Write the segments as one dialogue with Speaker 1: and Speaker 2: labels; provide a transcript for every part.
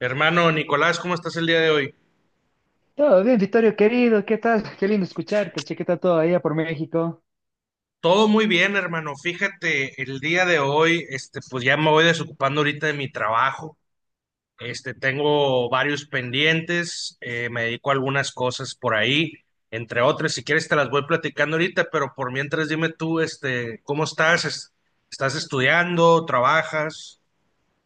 Speaker 1: Hermano Nicolás, ¿cómo estás el día de hoy?
Speaker 2: Todo bien, Vittorio, querido, ¿qué tal? Qué lindo escucharte, che, ¿qué tal todo allá por México?
Speaker 1: Todo muy bien, hermano. Fíjate, el día de hoy, pues ya me voy desocupando ahorita de mi trabajo. Tengo varios pendientes, me dedico a algunas cosas por ahí, entre otras. Si quieres te las voy platicando ahorita, pero por mientras dime tú, ¿cómo estás? ¿Estás estudiando? ¿Trabajas?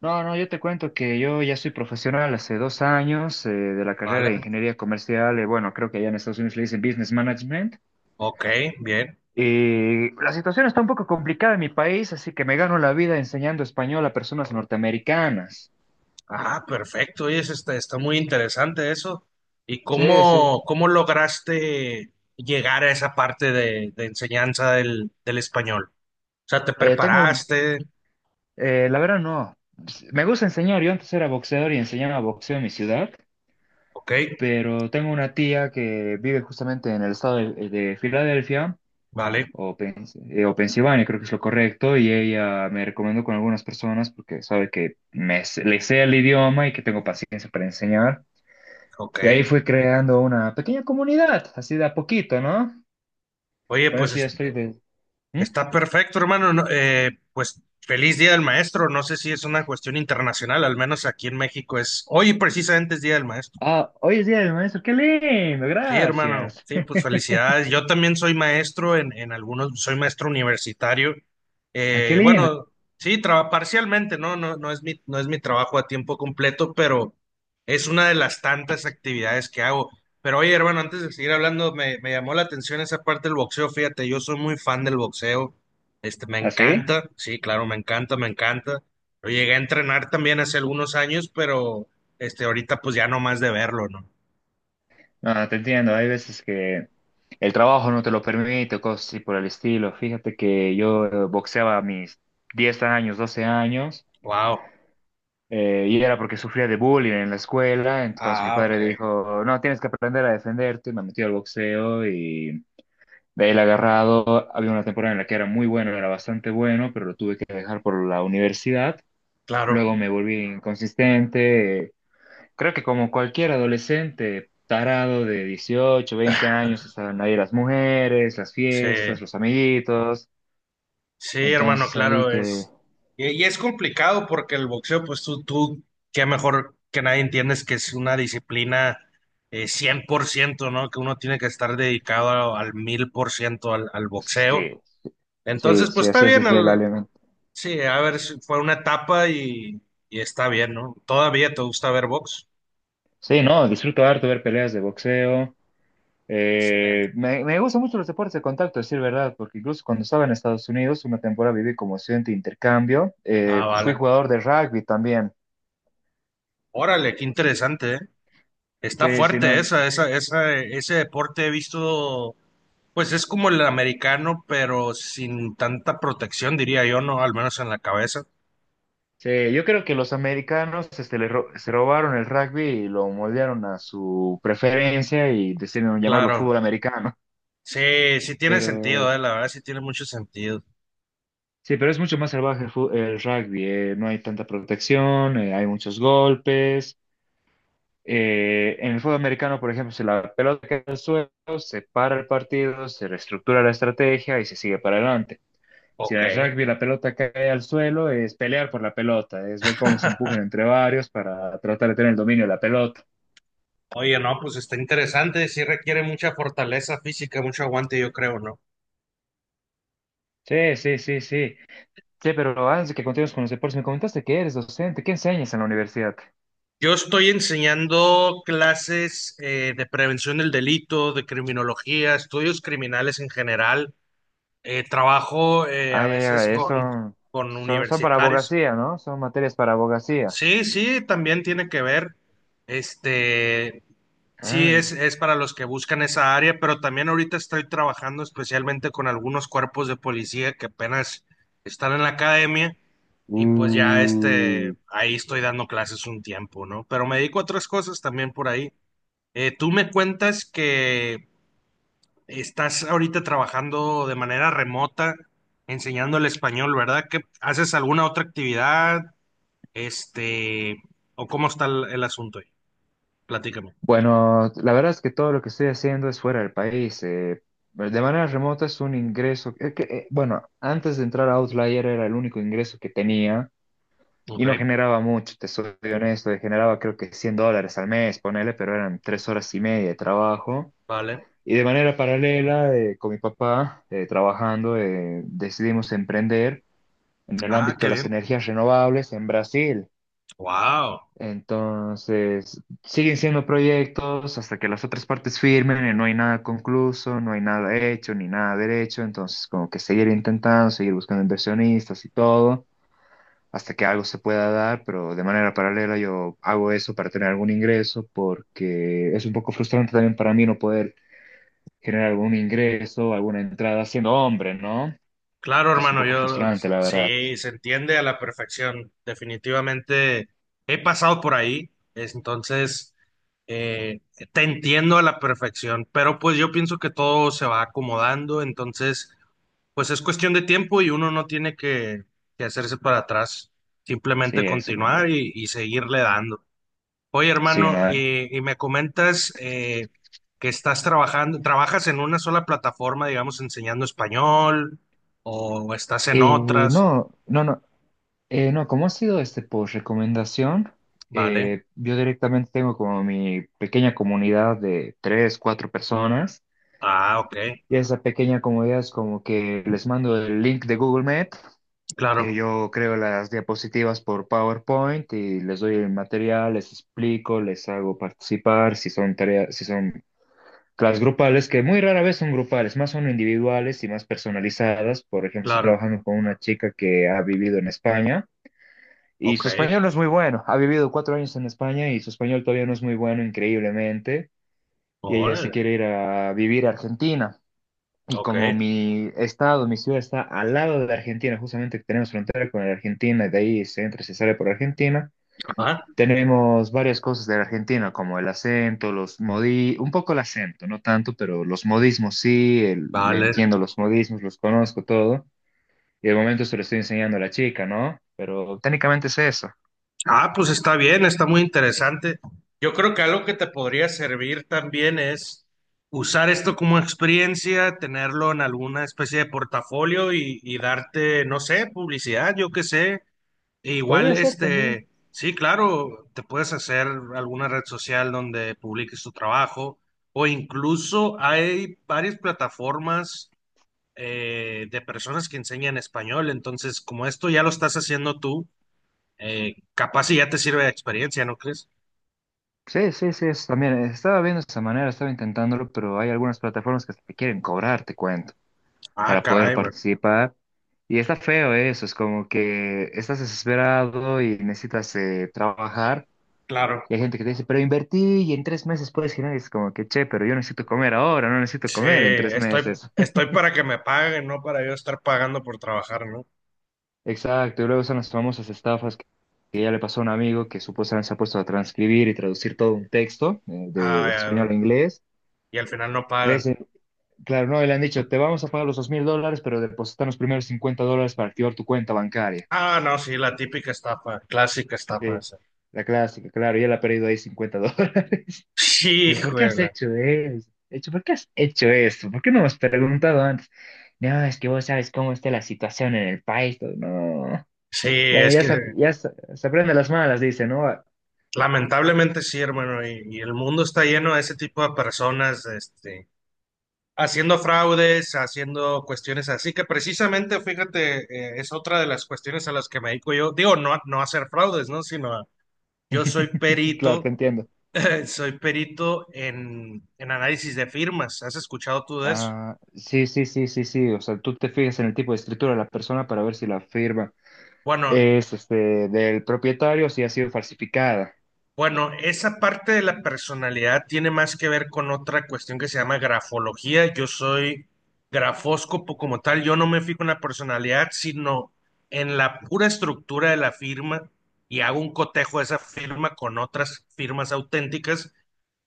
Speaker 2: No, no, yo te cuento que yo ya soy profesional hace 2 años de la carrera
Speaker 1: ¿Vale?
Speaker 2: de ingeniería comercial, bueno, creo que allá en Estados Unidos le dicen business management.
Speaker 1: Ok, bien.
Speaker 2: Y la situación está un poco complicada en mi país, así que me gano la vida enseñando español a personas norteamericanas.
Speaker 1: Ah, perfecto. Oye, eso está muy interesante eso. ¿Y
Speaker 2: Sí, sí.
Speaker 1: cómo lograste llegar a esa parte de enseñanza del español? O sea, ¿te
Speaker 2: Tengo un,
Speaker 1: preparaste?
Speaker 2: la verdad no, me gusta enseñar, yo antes era boxeador y enseñaba boxeo en mi ciudad.
Speaker 1: Ok,
Speaker 2: Pero tengo una tía que vive justamente en el estado de Filadelfia,
Speaker 1: vale,
Speaker 2: o Pensilvania, creo que es lo correcto, y ella me recomendó con algunas personas porque sabe que le sé el idioma y que tengo paciencia para enseñar.
Speaker 1: ok.
Speaker 2: Y ahí fui creando una pequeña comunidad, así de a poquito, ¿no?
Speaker 1: Oye,
Speaker 2: Con
Speaker 1: pues
Speaker 2: eso ya estoy de. ¿Mm?
Speaker 1: está perfecto, hermano. No, pues feliz Día del Maestro. No sé si es una cuestión internacional, al menos aquí en México es. Hoy precisamente es Día del Maestro.
Speaker 2: Ah, hoy es Día del Maestro, qué lindo,
Speaker 1: Sí, hermano.
Speaker 2: gracias.
Speaker 1: Sí, pues felicidades. Yo también soy maestro en algunos, soy maestro universitario.
Speaker 2: Ah, qué lindo.
Speaker 1: Bueno, sí, parcialmente, ¿no? No, no es mi trabajo a tiempo completo, pero es una de las tantas actividades que hago. Pero oye, hermano, antes de seguir hablando, me llamó la atención esa parte del boxeo. Fíjate, yo soy muy fan del boxeo. Me
Speaker 2: ¿Así?
Speaker 1: encanta. Sí, claro, me encanta, me encanta. Lo llegué a entrenar también hace algunos años, pero ahorita pues ya no más de verlo, ¿no?
Speaker 2: Ah, te entiendo, hay veces que el trabajo no te lo permite, cosas así por el estilo. Fíjate que yo boxeaba a mis 10 años, 12 años,
Speaker 1: Wow.
Speaker 2: y era porque sufría de bullying en la escuela, entonces mi
Speaker 1: Ah, ok,
Speaker 2: padre dijo, no, tienes que aprender a defenderte, me metió al boxeo y de ahí la he agarrado. Había una temporada en la que era muy bueno, era bastante bueno, pero lo tuve que dejar por la universidad.
Speaker 1: claro.
Speaker 2: Luego me volví inconsistente. Creo que como cualquier adolescente tarado de 18, 20 años, estaban ahí las mujeres, las
Speaker 1: Sí,
Speaker 2: fiestas, los amiguitos.
Speaker 1: sí, hermano,
Speaker 2: Entonces ahí
Speaker 1: claro,
Speaker 2: que.
Speaker 1: es. Y es complicado porque el boxeo, pues tú, qué mejor que nadie entiendes que es una disciplina 100%, ¿no? Que uno tiene que estar dedicado al 1000% al
Speaker 2: Pues, sí,
Speaker 1: boxeo.
Speaker 2: sí,
Speaker 1: Entonces, pues
Speaker 2: sí,
Speaker 1: está
Speaker 2: así es
Speaker 1: bien,
Speaker 2: desde el alimento.
Speaker 1: sí, a ver, si fue una etapa y está bien, ¿no? ¿Todavía te gusta ver box?
Speaker 2: Sí, no, disfruto harto ver peleas de boxeo.
Speaker 1: Excelente.
Speaker 2: Me gustan mucho los deportes de contacto, decir verdad, porque incluso cuando estaba en Estados Unidos, una temporada viví como estudiante de intercambio.
Speaker 1: Ah,
Speaker 2: Fui
Speaker 1: vale.
Speaker 2: jugador de rugby también.
Speaker 1: Órale, qué interesante, ¿eh? Está
Speaker 2: Sí, sí,
Speaker 1: fuerte
Speaker 2: no.
Speaker 1: ese deporte he visto. Pues es como el americano, pero sin tanta protección, diría yo, ¿no? Al menos en la cabeza.
Speaker 2: Sí, yo creo que los americanos se robaron el rugby y lo moldearon a su preferencia y decidieron llamarlo
Speaker 1: Claro.
Speaker 2: fútbol americano.
Speaker 1: Sí, sí tiene
Speaker 2: Pero
Speaker 1: sentido, la verdad sí tiene mucho sentido.
Speaker 2: sí, pero es mucho más salvaje el rugby. No hay tanta protección, hay muchos golpes. En el fútbol americano, por ejemplo, si la pelota cae al suelo, se para el partido, se reestructura la estrategia y se sigue para adelante. Si
Speaker 1: Ok.
Speaker 2: en el rugby la pelota cae al suelo, es pelear por la pelota, es ver cómo se empujan entre varios para tratar de tener el dominio de la pelota.
Speaker 1: Oye, no, pues está interesante. Sí requiere mucha fortaleza física, mucho aguante, yo creo, ¿no?
Speaker 2: Sí, sí, sí, sí. Sí, pero antes de que continuemos con los deportes, me comentaste que eres docente. ¿Qué enseñas en la universidad?
Speaker 1: Yo estoy enseñando clases de prevención del delito, de criminología, estudios criminales en general. Trabajo
Speaker 2: Ah,
Speaker 1: a
Speaker 2: ya, ya,
Speaker 1: veces
Speaker 2: eh,
Speaker 1: con,
Speaker 2: son,
Speaker 1: con
Speaker 2: son, son para
Speaker 1: universitarios.
Speaker 2: abogacía, ¿no? Son materias para abogacía.
Speaker 1: Sí, sí, también tiene que ver. Este,
Speaker 2: Ah,
Speaker 1: sí, es,
Speaker 2: ya.
Speaker 1: es para los que buscan esa área, pero también ahorita estoy trabajando especialmente con algunos cuerpos de policía que apenas están en la academia y pues ya
Speaker 2: Mm,
Speaker 1: ahí estoy dando clases un tiempo, ¿no? Pero me dedico a otras cosas también por ahí. Tú me cuentas que estás ahorita trabajando de manera remota, enseñando el español, ¿verdad? ¿Que haces alguna otra actividad? Este, o cómo está el asunto ahí. Platícame.
Speaker 2: Bueno, la verdad es que todo lo que estoy haciendo es fuera del país. De manera remota es un ingreso. Bueno, antes de entrar a Outlier era el único ingreso que tenía y
Speaker 1: Ok,
Speaker 2: no generaba mucho, te soy honesto. Y generaba creo que $100 al mes, ponele, pero eran 3 horas y media de trabajo.
Speaker 1: vale.
Speaker 2: Y de manera paralela, con mi papá, trabajando, decidimos emprender en el
Speaker 1: Ah,
Speaker 2: ámbito
Speaker 1: qué
Speaker 2: de las
Speaker 1: bien.
Speaker 2: energías renovables en Brasil.
Speaker 1: Wow.
Speaker 2: Entonces, siguen siendo proyectos hasta que las otras partes firmen, y no hay nada concluso, no hay nada hecho, ni nada derecho. Entonces, como que seguir intentando, seguir buscando inversionistas y todo, hasta que algo se pueda dar, pero de manera paralela yo hago eso para tener algún ingreso, porque es un poco frustrante también para mí no poder generar algún ingreso, alguna entrada siendo hombre, ¿no?
Speaker 1: Claro,
Speaker 2: Es un
Speaker 1: hermano,
Speaker 2: poco
Speaker 1: yo
Speaker 2: frustrante, la verdad.
Speaker 1: sí, se entiende a la perfección. Definitivamente he pasado por ahí, entonces eh, te entiendo a la perfección, pero pues yo pienso que todo se va acomodando, entonces pues es cuestión de tiempo y uno no tiene que hacerse para atrás,
Speaker 2: Sí,
Speaker 1: simplemente
Speaker 2: eso
Speaker 1: continuar
Speaker 2: también.
Speaker 1: y seguirle dando. Oye,
Speaker 2: Sí,
Speaker 1: hermano,
Speaker 2: no.
Speaker 1: y me comentas que trabajas en una sola plataforma, digamos, enseñando español, o estás en
Speaker 2: Eh,
Speaker 1: otras,
Speaker 2: no, no, no. No, como ha sido por recomendación,
Speaker 1: ¿vale?
Speaker 2: yo directamente tengo como mi pequeña comunidad de tres, cuatro personas.
Speaker 1: Ah, ok,
Speaker 2: Y esa pequeña comunidad es como que les mando el link de Google Meet.
Speaker 1: claro,
Speaker 2: Yo creo las diapositivas por PowerPoint y les doy el material, les explico, les hago participar si son tareas, si son las grupales, que muy rara vez son grupales, más son individuales y más personalizadas. Por ejemplo, estoy
Speaker 1: claro,
Speaker 2: trabajando con una chica que ha vivido en España y
Speaker 1: ok,
Speaker 2: su español no es muy bueno. Ha vivido 4 años en España y su español todavía no es muy bueno, increíblemente. Y ella se
Speaker 1: órale,
Speaker 2: quiere ir a vivir a Argentina. Y
Speaker 1: ok,
Speaker 2: como mi estado, mi ciudad está al lado de Argentina, justamente tenemos frontera con la Argentina, y de ahí se entra y se sale por Argentina,
Speaker 1: ah,
Speaker 2: tenemos varias cosas de la Argentina, como el acento, los modi, un poco el acento, no tanto, pero los modismos sí, le
Speaker 1: vale.
Speaker 2: entiendo los modismos, los conozco todo. Y de momento se lo estoy enseñando a la chica, ¿no? Pero técnicamente es eso.
Speaker 1: Ah, pues está bien, está muy interesante. Yo creo que algo que te podría servir también es usar esto como experiencia, tenerlo en alguna especie de portafolio y darte, no sé, publicidad, yo qué sé. E igual,
Speaker 2: Podría ser también.
Speaker 1: sí, claro, te puedes hacer alguna red social donde publiques tu trabajo o incluso hay varias plataformas de personas que enseñan español. Entonces, como esto ya lo estás haciendo tú, capaz y ya te sirve de experiencia, ¿no crees?
Speaker 2: Sí, sí, sí, es también. Estaba viendo esa manera, estaba intentándolo, pero hay algunas plataformas que hasta te quieren cobrar, te cuento,
Speaker 1: Ah,
Speaker 2: para poder
Speaker 1: caray, güey.
Speaker 2: participar. Y está feo eso, es como que estás desesperado y necesitas trabajar.
Speaker 1: Claro.
Speaker 2: Y hay gente que te dice, pero invertí y en 3 meses puedes girar. Y es como que, che, pero yo necesito comer ahora, no necesito
Speaker 1: Sí,
Speaker 2: comer en tres
Speaker 1: estoy,
Speaker 2: meses.
Speaker 1: estoy para que me paguen, no para yo estar pagando por trabajar, ¿no?
Speaker 2: Exacto, y luego son las famosas estafas que ya le pasó a un amigo que supuestamente se ha puesto a transcribir y traducir todo un texto de español
Speaker 1: Ah,
Speaker 2: a inglés.
Speaker 1: y al final no
Speaker 2: Y le
Speaker 1: pagan.
Speaker 2: dicen, claro, no, y le han dicho, te vamos a pagar los $2,000, pero depositan los primeros $50 para activar tu cuenta bancaria.
Speaker 1: Ah, no, sí, la típica estafa, clásica estafa.
Speaker 2: Sí, la clásica, claro, y él ha perdido ahí 50 dólares.
Speaker 1: Sí,
Speaker 2: ¿Por qué has
Speaker 1: juega.
Speaker 2: hecho eso? ¿Por qué has hecho esto? ¿Por qué no me has preguntado antes? No, es que vos sabes cómo está la situación en el país. Todo. No.
Speaker 1: Sí,
Speaker 2: Bueno,
Speaker 1: es
Speaker 2: ya
Speaker 1: que
Speaker 2: se, ya se, se aprende las malas, dice, ¿no?
Speaker 1: lamentablemente sí, hermano, y el mundo está lleno de ese tipo de personas, haciendo fraudes, haciendo cuestiones así, que precisamente, fíjate, es otra de las cuestiones a las que me dedico yo. Digo, no, no a hacer fraudes, ¿no? Sino yo soy
Speaker 2: Claro, te
Speaker 1: perito,
Speaker 2: entiendo.
Speaker 1: soy perito en análisis de firmas. ¿Has escuchado tú de eso?
Speaker 2: Ah, sí, sí, sí, sí, sí. O sea, tú te fijas en el tipo de escritura de la persona para ver si la firma
Speaker 1: Bueno,
Speaker 2: es del propietario, si ha sido falsificada.
Speaker 1: Bueno, esa parte de la personalidad tiene más que ver con otra cuestión que se llama grafología. Yo soy grafóscopo como tal, yo no me fijo en la personalidad, sino en la pura estructura de la firma y hago un cotejo de esa firma con otras firmas auténticas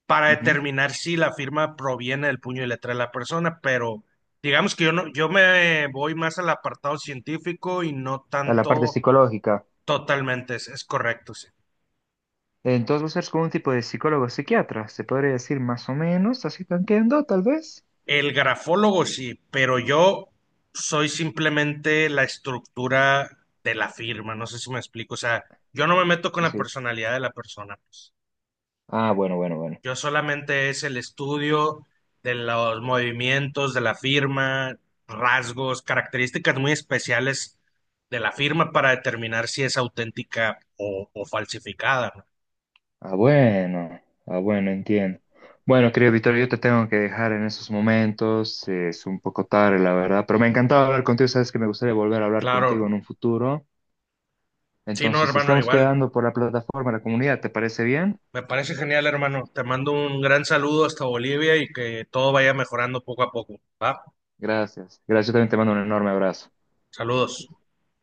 Speaker 1: para
Speaker 2: Ujú.
Speaker 1: determinar si la firma proviene del puño y letra de la persona, pero digamos que yo no, yo me voy más al apartado científico y no
Speaker 2: A la parte
Speaker 1: tanto.
Speaker 2: psicológica.
Speaker 1: Totalmente, es correcto, sí.
Speaker 2: Entonces, vos eres como un tipo de psicólogo psiquiatra, se podría decir más o menos, así tanqueando, tal vez.
Speaker 1: El grafólogo sí, pero yo soy simplemente la estructura de la firma, no sé si me explico, o sea, yo no me meto con
Speaker 2: Sí,
Speaker 1: la
Speaker 2: sí.
Speaker 1: personalidad de la persona, pues.
Speaker 2: Ah, bueno, bueno, bueno.
Speaker 1: Yo solamente es el estudio de los movimientos de la firma, rasgos, características muy especiales de la firma para determinar si es auténtica o falsificada, ¿no?
Speaker 2: Ah, bueno. Ah, bueno, entiendo. Bueno, querido Víctor, yo te tengo que dejar en esos momentos. Es un poco tarde, la verdad, pero me encantaba hablar contigo. Sabes que me gustaría volver a hablar
Speaker 1: Claro,
Speaker 2: contigo en un futuro.
Speaker 1: sí, no,
Speaker 2: Entonces,
Speaker 1: hermano,
Speaker 2: estamos
Speaker 1: igual.
Speaker 2: quedando por la plataforma, la comunidad. ¿Te parece bien?
Speaker 1: Me parece genial, hermano. Te mando un gran saludo hasta Bolivia y que todo vaya mejorando poco a poco, ¿va?
Speaker 2: Gracias. Gracias. Yo también te mando un enorme abrazo.
Speaker 1: Saludos.